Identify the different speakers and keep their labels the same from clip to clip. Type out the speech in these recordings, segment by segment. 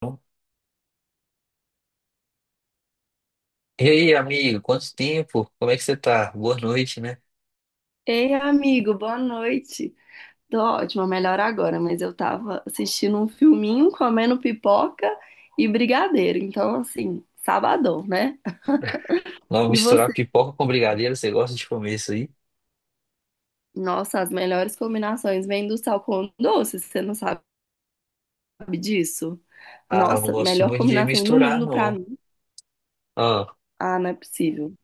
Speaker 1: Então, e aí, amigo, quanto tempo? Como é que você tá? Boa noite, né?
Speaker 2: Ei, amigo, boa noite. Tô ótima, melhor agora, mas eu tava assistindo um filminho, comendo pipoca e brigadeiro. Então, assim, sabadão, né?
Speaker 1: Vamos
Speaker 2: E
Speaker 1: misturar
Speaker 2: você?
Speaker 1: pipoca com brigadeiro, você gosta de comer isso aí?
Speaker 2: Nossa, as melhores combinações vêm do sal com doce, você não sabe disso?
Speaker 1: Ah, eu não
Speaker 2: Nossa,
Speaker 1: gosto
Speaker 2: melhor
Speaker 1: muito de
Speaker 2: combinação do
Speaker 1: misturar,
Speaker 2: mundo pra
Speaker 1: não.
Speaker 2: mim.
Speaker 1: Ah,
Speaker 2: Ah, não é possível.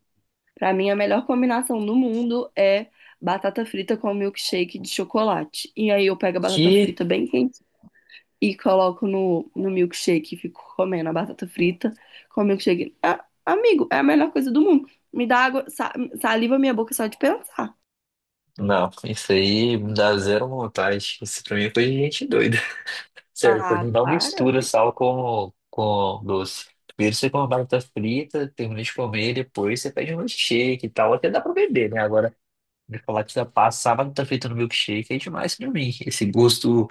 Speaker 2: Pra mim, a melhor combinação do mundo é batata frita com milkshake de chocolate. E aí eu pego a batata
Speaker 1: que...
Speaker 2: frita bem quente e coloco no milkshake e fico comendo a batata frita com o milkshake. Ah, amigo, é a melhor coisa do mundo. Me dá água, saliva minha boca só de pensar.
Speaker 1: Não, isso aí me dá zero vontade. Isso pra mim é coisa de gente doida. Sério, pra
Speaker 2: Ah,
Speaker 1: mim não
Speaker 2: para.
Speaker 1: mistura sal com doce. Primeiro você come uma batata frita, termina de comer, depois você pede um milkshake e tal. Até dá pra beber, né? Agora, de falar que você passar a batata frita no milkshake é demais pra mim. Esse gosto...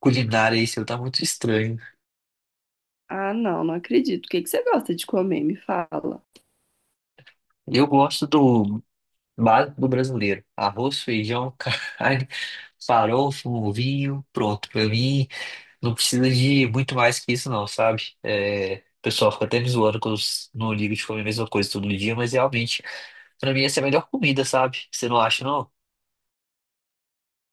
Speaker 1: culinária aí seu tá muito estranho.
Speaker 2: Ah, não, não acredito. O que que você gosta de comer? Me fala.
Speaker 1: Eu gosto do básico do brasileiro. Arroz, feijão, carne, farofa, um vinho, pronto. Pra mim, não precisa de muito mais que isso não, sabe? É, o pessoal fica até me zoando que eu não ligo de comer a mesma coisa todo dia, mas realmente, pra mim essa é a melhor comida, sabe? Você não acha, não?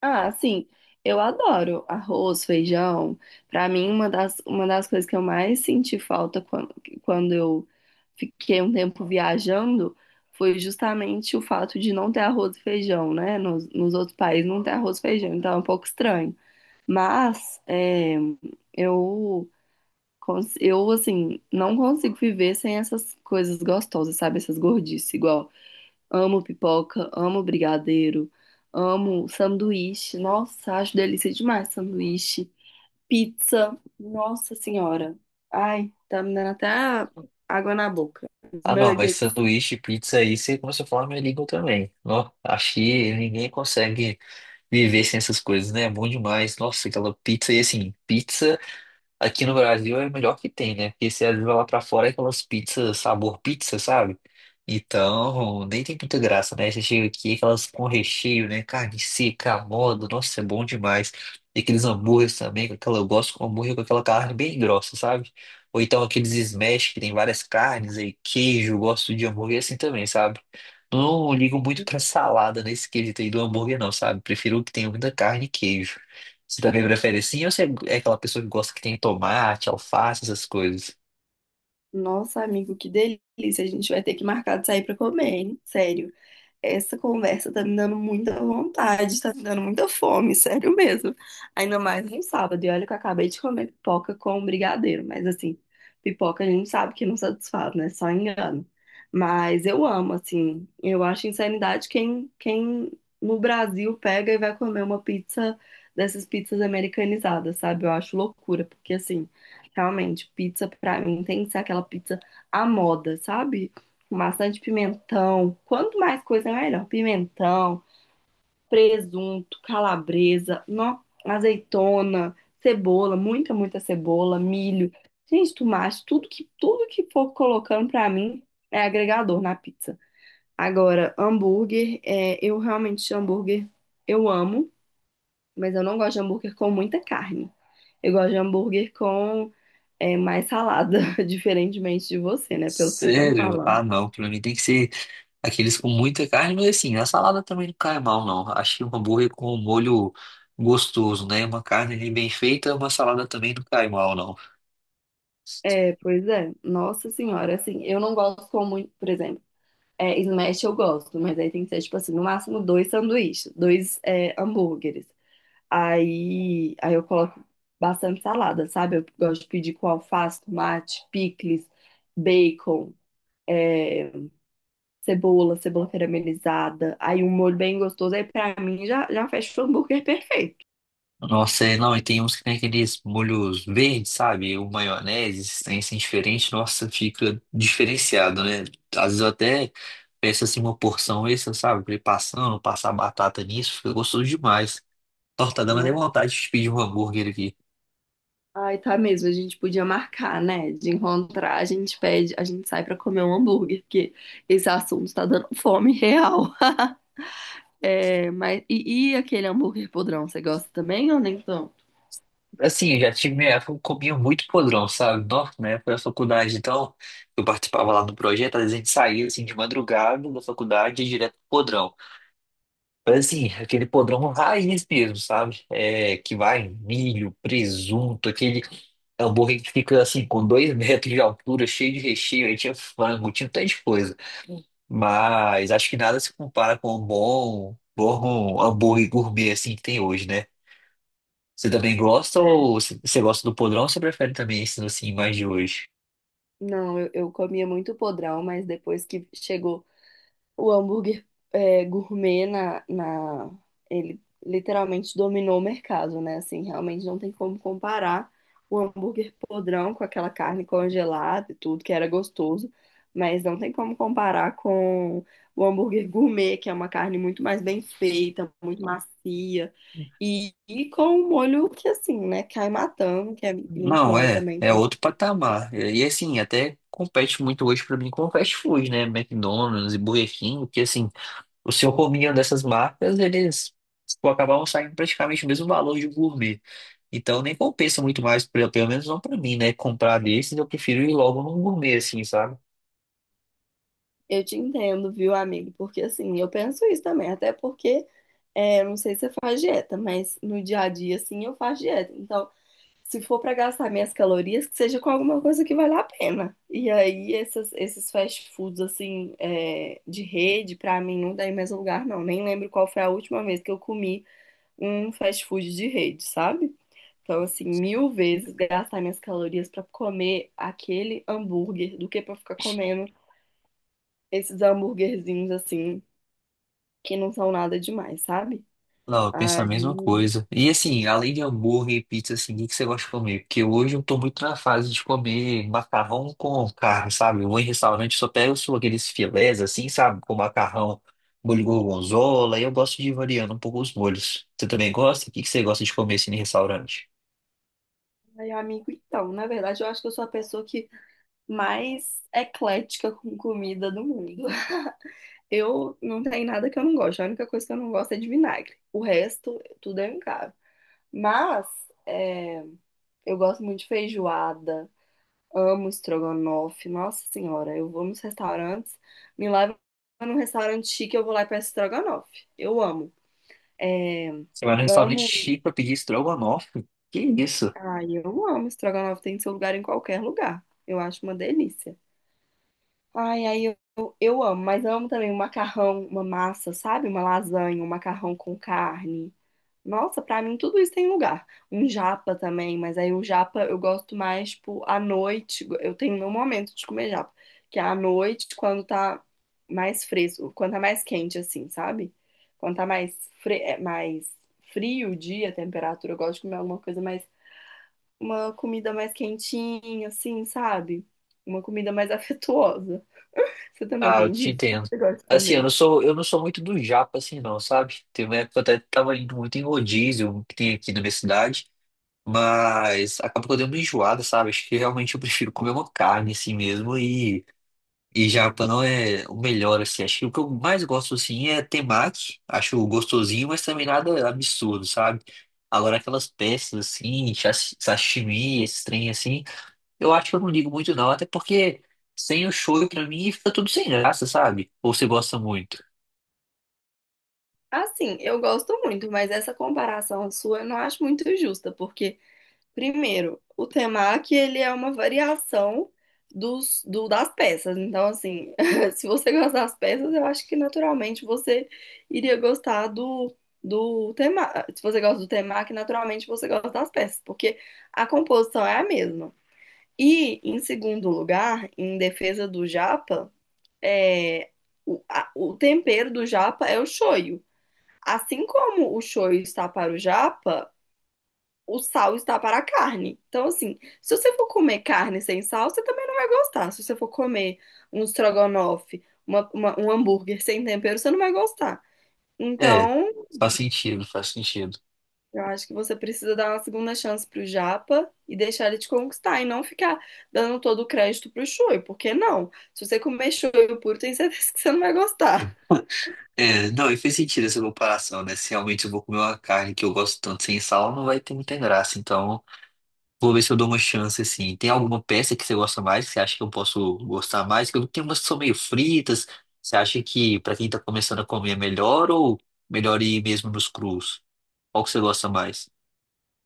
Speaker 2: Ah, sim, eu adoro arroz, feijão. Pra mim, uma das coisas que eu mais senti falta quando eu fiquei um tempo viajando foi justamente o fato de não ter arroz e feijão, né? Nos outros países não tem arroz e feijão, então é um pouco estranho. Mas é, eu, eu, assim, não consigo viver sem essas coisas gostosas, sabe? Essas gordices, igual. Amo pipoca, amo brigadeiro, amo sanduíche. Nossa, acho delícia demais sanduíche. Pizza, nossa senhora. Ai, tá me dando até água na boca.
Speaker 1: Ah, não, mas
Speaker 2: Nuggets.
Speaker 1: sanduíche, pizza aí, você começou a falar minha língua também. Ó, acho que ninguém consegue viver sem essas coisas, né? É bom demais. Nossa, aquela pizza e assim, pizza. Aqui no Brasil é o melhor que tem, né? Porque você às vezes vai lá pra fora é aquelas pizzas, sabor pizza, sabe? Então, nem tem muita graça, né? Você chega aqui, aquelas com recheio, né? Carne seca, à moda, nossa, é bom demais. E aqueles hambúrgueres também, com aquela, eu gosto com hambúrguer com aquela carne bem grossa, sabe? Ou então aqueles smash que tem várias carnes aí, queijo, eu gosto de hambúrguer assim também, sabe? Não ligo muito pra salada nesse quesito aí do hambúrguer, não, sabe? Prefiro que tenha muita carne e queijo. Você também prefere assim ou você é aquela pessoa que gosta que tem tomate, alface, essas coisas?
Speaker 2: Nossa, amigo, que delícia. A gente vai ter que marcar de sair pra comer, hein? Sério. Essa conversa tá me dando muita vontade, tá me dando muita fome, sério mesmo. Ainda mais no sábado. E olha que eu acabei de comer pipoca com brigadeiro, mas assim, pipoca a gente sabe que não satisfaz, né? Só engano. Mas eu amo, assim, eu acho insanidade quem no Brasil pega e vai comer uma pizza dessas pizzas americanizadas, sabe? Eu acho loucura, porque assim, realmente, pizza pra mim tem que ser aquela pizza à moda, sabe? Com maçã de pimentão. Quanto mais coisa, melhor. Pimentão, presunto, calabresa, nó, azeitona, cebola, muita, muita cebola, milho. Gente, tomate, tudo que for colocando pra mim é agregador na pizza. Agora, hambúrguer, eu realmente hambúrguer eu amo, mas eu não gosto de hambúrguer com muita carne. Eu gosto de hambúrguer com mais salada, diferentemente de você, né? Pelo que você tá me
Speaker 1: Sério? Ah,
Speaker 2: falando.
Speaker 1: não. Pra mim tem que ser aqueles com muita carne, mas assim, a salada também não cai mal, não. Acho que um hambúrguer com um molho gostoso, né? Uma carne ali bem feita, uma salada também não cai mal, não.
Speaker 2: É, pois é. Nossa senhora, assim, eu não gosto com muito, por exemplo, smash eu gosto, mas aí tem que ser, tipo assim, no máximo dois sanduíches, dois hambúrgueres. Aí eu coloco bastante salada, sabe? Eu gosto de pedir com alface, tomate, picles, bacon, é, cebola, cebola caramelizada. Aí um molho bem gostoso, aí pra mim já fecha o hambúrguer perfeito.
Speaker 1: Nossa, é, não, e tem uns que tem aqueles molhos verdes, sabe? O maionese, esses trem assim diferente, nossa, fica diferenciado, né? Às vezes eu até peço assim uma porção extra, sabe? Pra ir passando, passar batata nisso, fica gostoso demais. Nossa, tá dando até vontade de pedir um hambúrguer aqui.
Speaker 2: Ai, tá mesmo. A gente podia marcar, né? De encontrar, a gente pede, a gente sai pra comer um hambúrguer, porque esse assunto tá dando fome real. É, mas e aquele hambúrguer podrão, você gosta também ou nem tanto?
Speaker 1: Assim, eu já tive minha época, eu comia muito podrão, sabe? Nossa, na época da faculdade, então, eu participava lá do projeto, às vezes a gente saía assim de madrugada da faculdade e ia direto pro podrão. Mas assim, aquele podrão raiz mesmo, sabe? É, que vai milho, presunto, aquele hambúrguer que fica assim, com dois metros de altura, cheio de recheio, aí tinha frango, tinha um tanto de coisa. Mas acho que nada se compara com um bom hambúrguer gourmet assim que tem hoje, né? Você também gosta
Speaker 2: É.
Speaker 1: ou você gosta do podrão ou você prefere também esse assim mais de hoje?
Speaker 2: Não, eu comia muito podrão, mas depois que chegou o hambúrguer gourmet ele literalmente dominou o mercado, né? Assim, realmente não tem como comparar o hambúrguer podrão com aquela carne congelada e tudo, que era gostoso, mas não tem como comparar com o hambúrguer gourmet, que é uma carne muito mais bem feita, muito macia, e com um molho que, assim, né, cai matando, que é muito
Speaker 1: Não,
Speaker 2: bom, eu
Speaker 1: é,
Speaker 2: também,
Speaker 1: é
Speaker 2: com
Speaker 1: outro
Speaker 2: certeza.
Speaker 1: patamar. E assim, até compete muito hoje pra mim com fast food, né? McDonald's e Burger King, porque assim. O seu cominho dessas marcas, eles pô, acabavam saindo praticamente o mesmo valor de um gourmet. Então nem compensa muito mais, pelo menos não pra mim, né? Comprar desses, eu prefiro ir logo num gourmet, assim, sabe?
Speaker 2: Eu te entendo, viu, amigo? Porque assim, eu penso isso também, até porque É, eu não sei se você faz dieta, mas no dia a dia, assim, eu faço dieta. Então, se for para gastar minhas calorias, que seja com alguma coisa que vale a pena. E aí, esses fast foods, assim, de rede, pra mim, não dá em mais lugar, não. Nem lembro qual foi a última vez que eu comi um fast food de rede, sabe? Então, assim, mil vezes gastar minhas calorias pra comer aquele hambúrguer do que pra ficar comendo esses hambúrguerzinhos, assim, que não são nada demais, sabe?
Speaker 1: Não, eu penso a mesma
Speaker 2: Aí
Speaker 1: coisa. E assim, além de hambúrguer e pizza, assim, o que que você gosta de comer? Porque hoje eu tô muito na fase de comer macarrão com carne, sabe? Eu vou em restaurante, só pego só aqueles filés, assim, sabe? Com macarrão, molho gorgonzola, e eu gosto de ir variando um pouco os molhos. Você também gosta? O que que você gosta de comer, assim, em restaurante?
Speaker 2: ai, amigo, então, na verdade, eu acho que eu sou a pessoa que mais eclética com comida do mundo. Eu não tenho nada que eu não gosto. A única coisa que eu não gosto é de vinagre. O resto, tudo é caro. Mas é, eu gosto muito de feijoada, amo estrogonofe. Nossa senhora, eu vou nos restaurantes, me levo num restaurante chique, eu vou lá e peço estrogonofe. Eu amo.
Speaker 1: Você vai num restaurante
Speaker 2: Amo.
Speaker 1: chique pra pedir estrogonofe? Que isso?
Speaker 2: Ai, eu amo estrogonofe. Tem seu lugar em qualquer lugar. Eu acho uma delícia. Ai, aí eu amo, mas amo também um macarrão, uma massa, sabe? Uma lasanha, um macarrão com carne. Nossa, pra mim tudo isso tem lugar. Um japa também, mas aí o japa eu gosto mais, tipo, à noite. Eu tenho meu momento de comer japa, que é à noite, quando tá mais fresco, quando tá mais quente, assim, sabe? Quando tá mais, mais frio o dia, a temperatura, eu gosto de comer alguma coisa mais, uma comida mais quentinha, assim, sabe? Uma comida mais afetuosa. Você também
Speaker 1: Ah, eu
Speaker 2: tem
Speaker 1: te
Speaker 2: disso?
Speaker 1: entendo.
Speaker 2: Você gosta de
Speaker 1: Assim,
Speaker 2: comer?
Speaker 1: eu não sou muito do japa, assim, não, sabe? Teve uma época que eu até tava indo muito em rodízio que tem aqui na minha cidade, mas acaba que eu dei uma enjoada, sabe? Acho que realmente eu prefiro comer uma carne assim mesmo e japa não é o melhor, assim. Acho que o que eu mais gosto, assim, é temaki. Acho gostosinho, mas também nada absurdo, sabe? Agora aquelas peças, assim, sashimi, esses trem, assim. Eu acho que eu não ligo muito não, até porque sem o choro pra mim fica tudo sem graça, sabe? Ou você gosta muito.
Speaker 2: Assim, eu gosto muito, mas essa comparação sua eu não acho muito justa, porque, primeiro, o temaki, ele é uma variação das peças. Então, assim, se você gosta das peças, eu acho que naturalmente você iria gostar do temaki. Se você gosta do temaki, naturalmente você gosta das peças, porque a composição é a mesma. E, em segundo lugar, em defesa do japa. é, o tempero do japa é o shoyu. Assim como o shoyu está para o japa, o sal está para a carne. Então, assim, se você for comer carne sem sal, você também não vai gostar. Se você for comer um estrogonofe, um hambúrguer sem tempero, você não vai gostar.
Speaker 1: É,
Speaker 2: Então,
Speaker 1: faz sentido, faz sentido.
Speaker 2: eu acho que você precisa dar uma segunda chance pro japa e deixar ele te conquistar e não ficar dando todo o crédito pro shoyu, porque não? Se você comer shoyu puro, tem certeza que você não vai gostar.
Speaker 1: É, não, e fez sentido essa comparação, né? Se realmente eu vou comer uma carne que eu gosto tanto sem sal, não vai ter muita graça. Então, vou ver se eu dou uma chance, assim. Tem alguma peça que você gosta mais, que você acha que eu posso gostar mais? Porque eu tenho umas que são meio fritas. Você acha que pra quem tá começando a comer é melhor ou melhor ir mesmo nos crus? Qual que você gosta mais?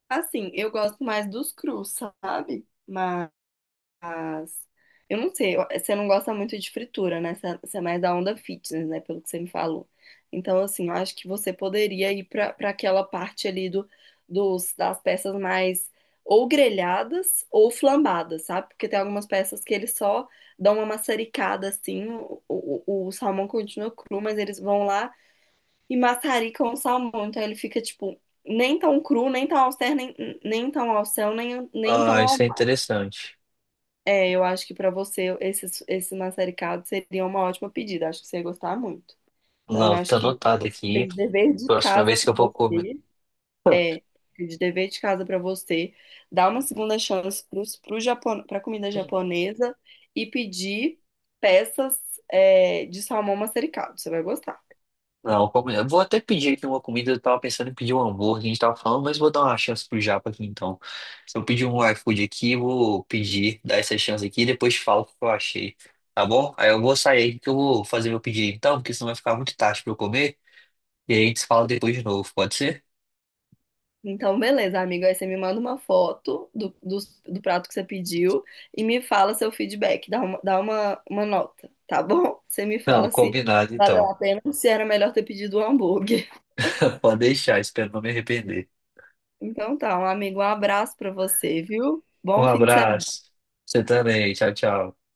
Speaker 2: Assim, eu gosto mais dos crus, sabe? Mas eu não sei, você não gosta muito de fritura, né? Você é mais da onda fitness, né? Pelo que você me falou. Então, assim, eu acho que você poderia ir para aquela parte ali das peças mais ou grelhadas ou flambadas, sabe? Porque tem algumas peças que eles só dão uma maçaricada assim, o salmão continua cru, mas eles vão lá. E maçari com salmão. Então ele fica, tipo, nem tão cru, nem tão ao céu, nem tão
Speaker 1: Ah,
Speaker 2: ao
Speaker 1: isso é interessante.
Speaker 2: bé. Eu acho que pra você esse maçaricado seria uma ótima pedida. Acho que você ia gostar muito. Então eu
Speaker 1: Não,
Speaker 2: acho
Speaker 1: tá
Speaker 2: que
Speaker 1: anotado
Speaker 2: fica
Speaker 1: aqui.
Speaker 2: de dever de
Speaker 1: Próxima
Speaker 2: casa
Speaker 1: vez que
Speaker 2: pra
Speaker 1: eu vou comer.
Speaker 2: você. É, fica de dever de casa pra você. Dar uma segunda chance pro Japão, pra comida japonesa e pedir peças, de salmão maçaricado. Você vai gostar.
Speaker 1: Não, eu vou até pedir aqui uma comida. Eu tava pensando em pedir um hambúrguer, a gente tava falando, mas vou dar uma chance pro japa aqui então. Se eu pedir um iFood aqui, eu vou pedir, dar essa chance aqui e depois te falo o que eu achei. Tá bom? Aí eu vou sair aqui que eu vou fazer meu pedido então, porque senão vai ficar muito tarde pra eu comer. E aí a gente se fala depois de novo, pode ser?
Speaker 2: Então, beleza, amigo. Aí você me manda uma foto do prato que você pediu e me fala seu feedback. Uma nota, tá bom? Você me
Speaker 1: Não,
Speaker 2: fala se
Speaker 1: combinado
Speaker 2: valeu
Speaker 1: então.
Speaker 2: a pena ou se era melhor ter pedido um hambúrguer.
Speaker 1: Pode deixar, espero não me arrepender.
Speaker 2: Então tá, um amigo, um abraço pra você, viu?
Speaker 1: Um
Speaker 2: Bom fim de semana.
Speaker 1: abraço. Você também. Tchau, tchau.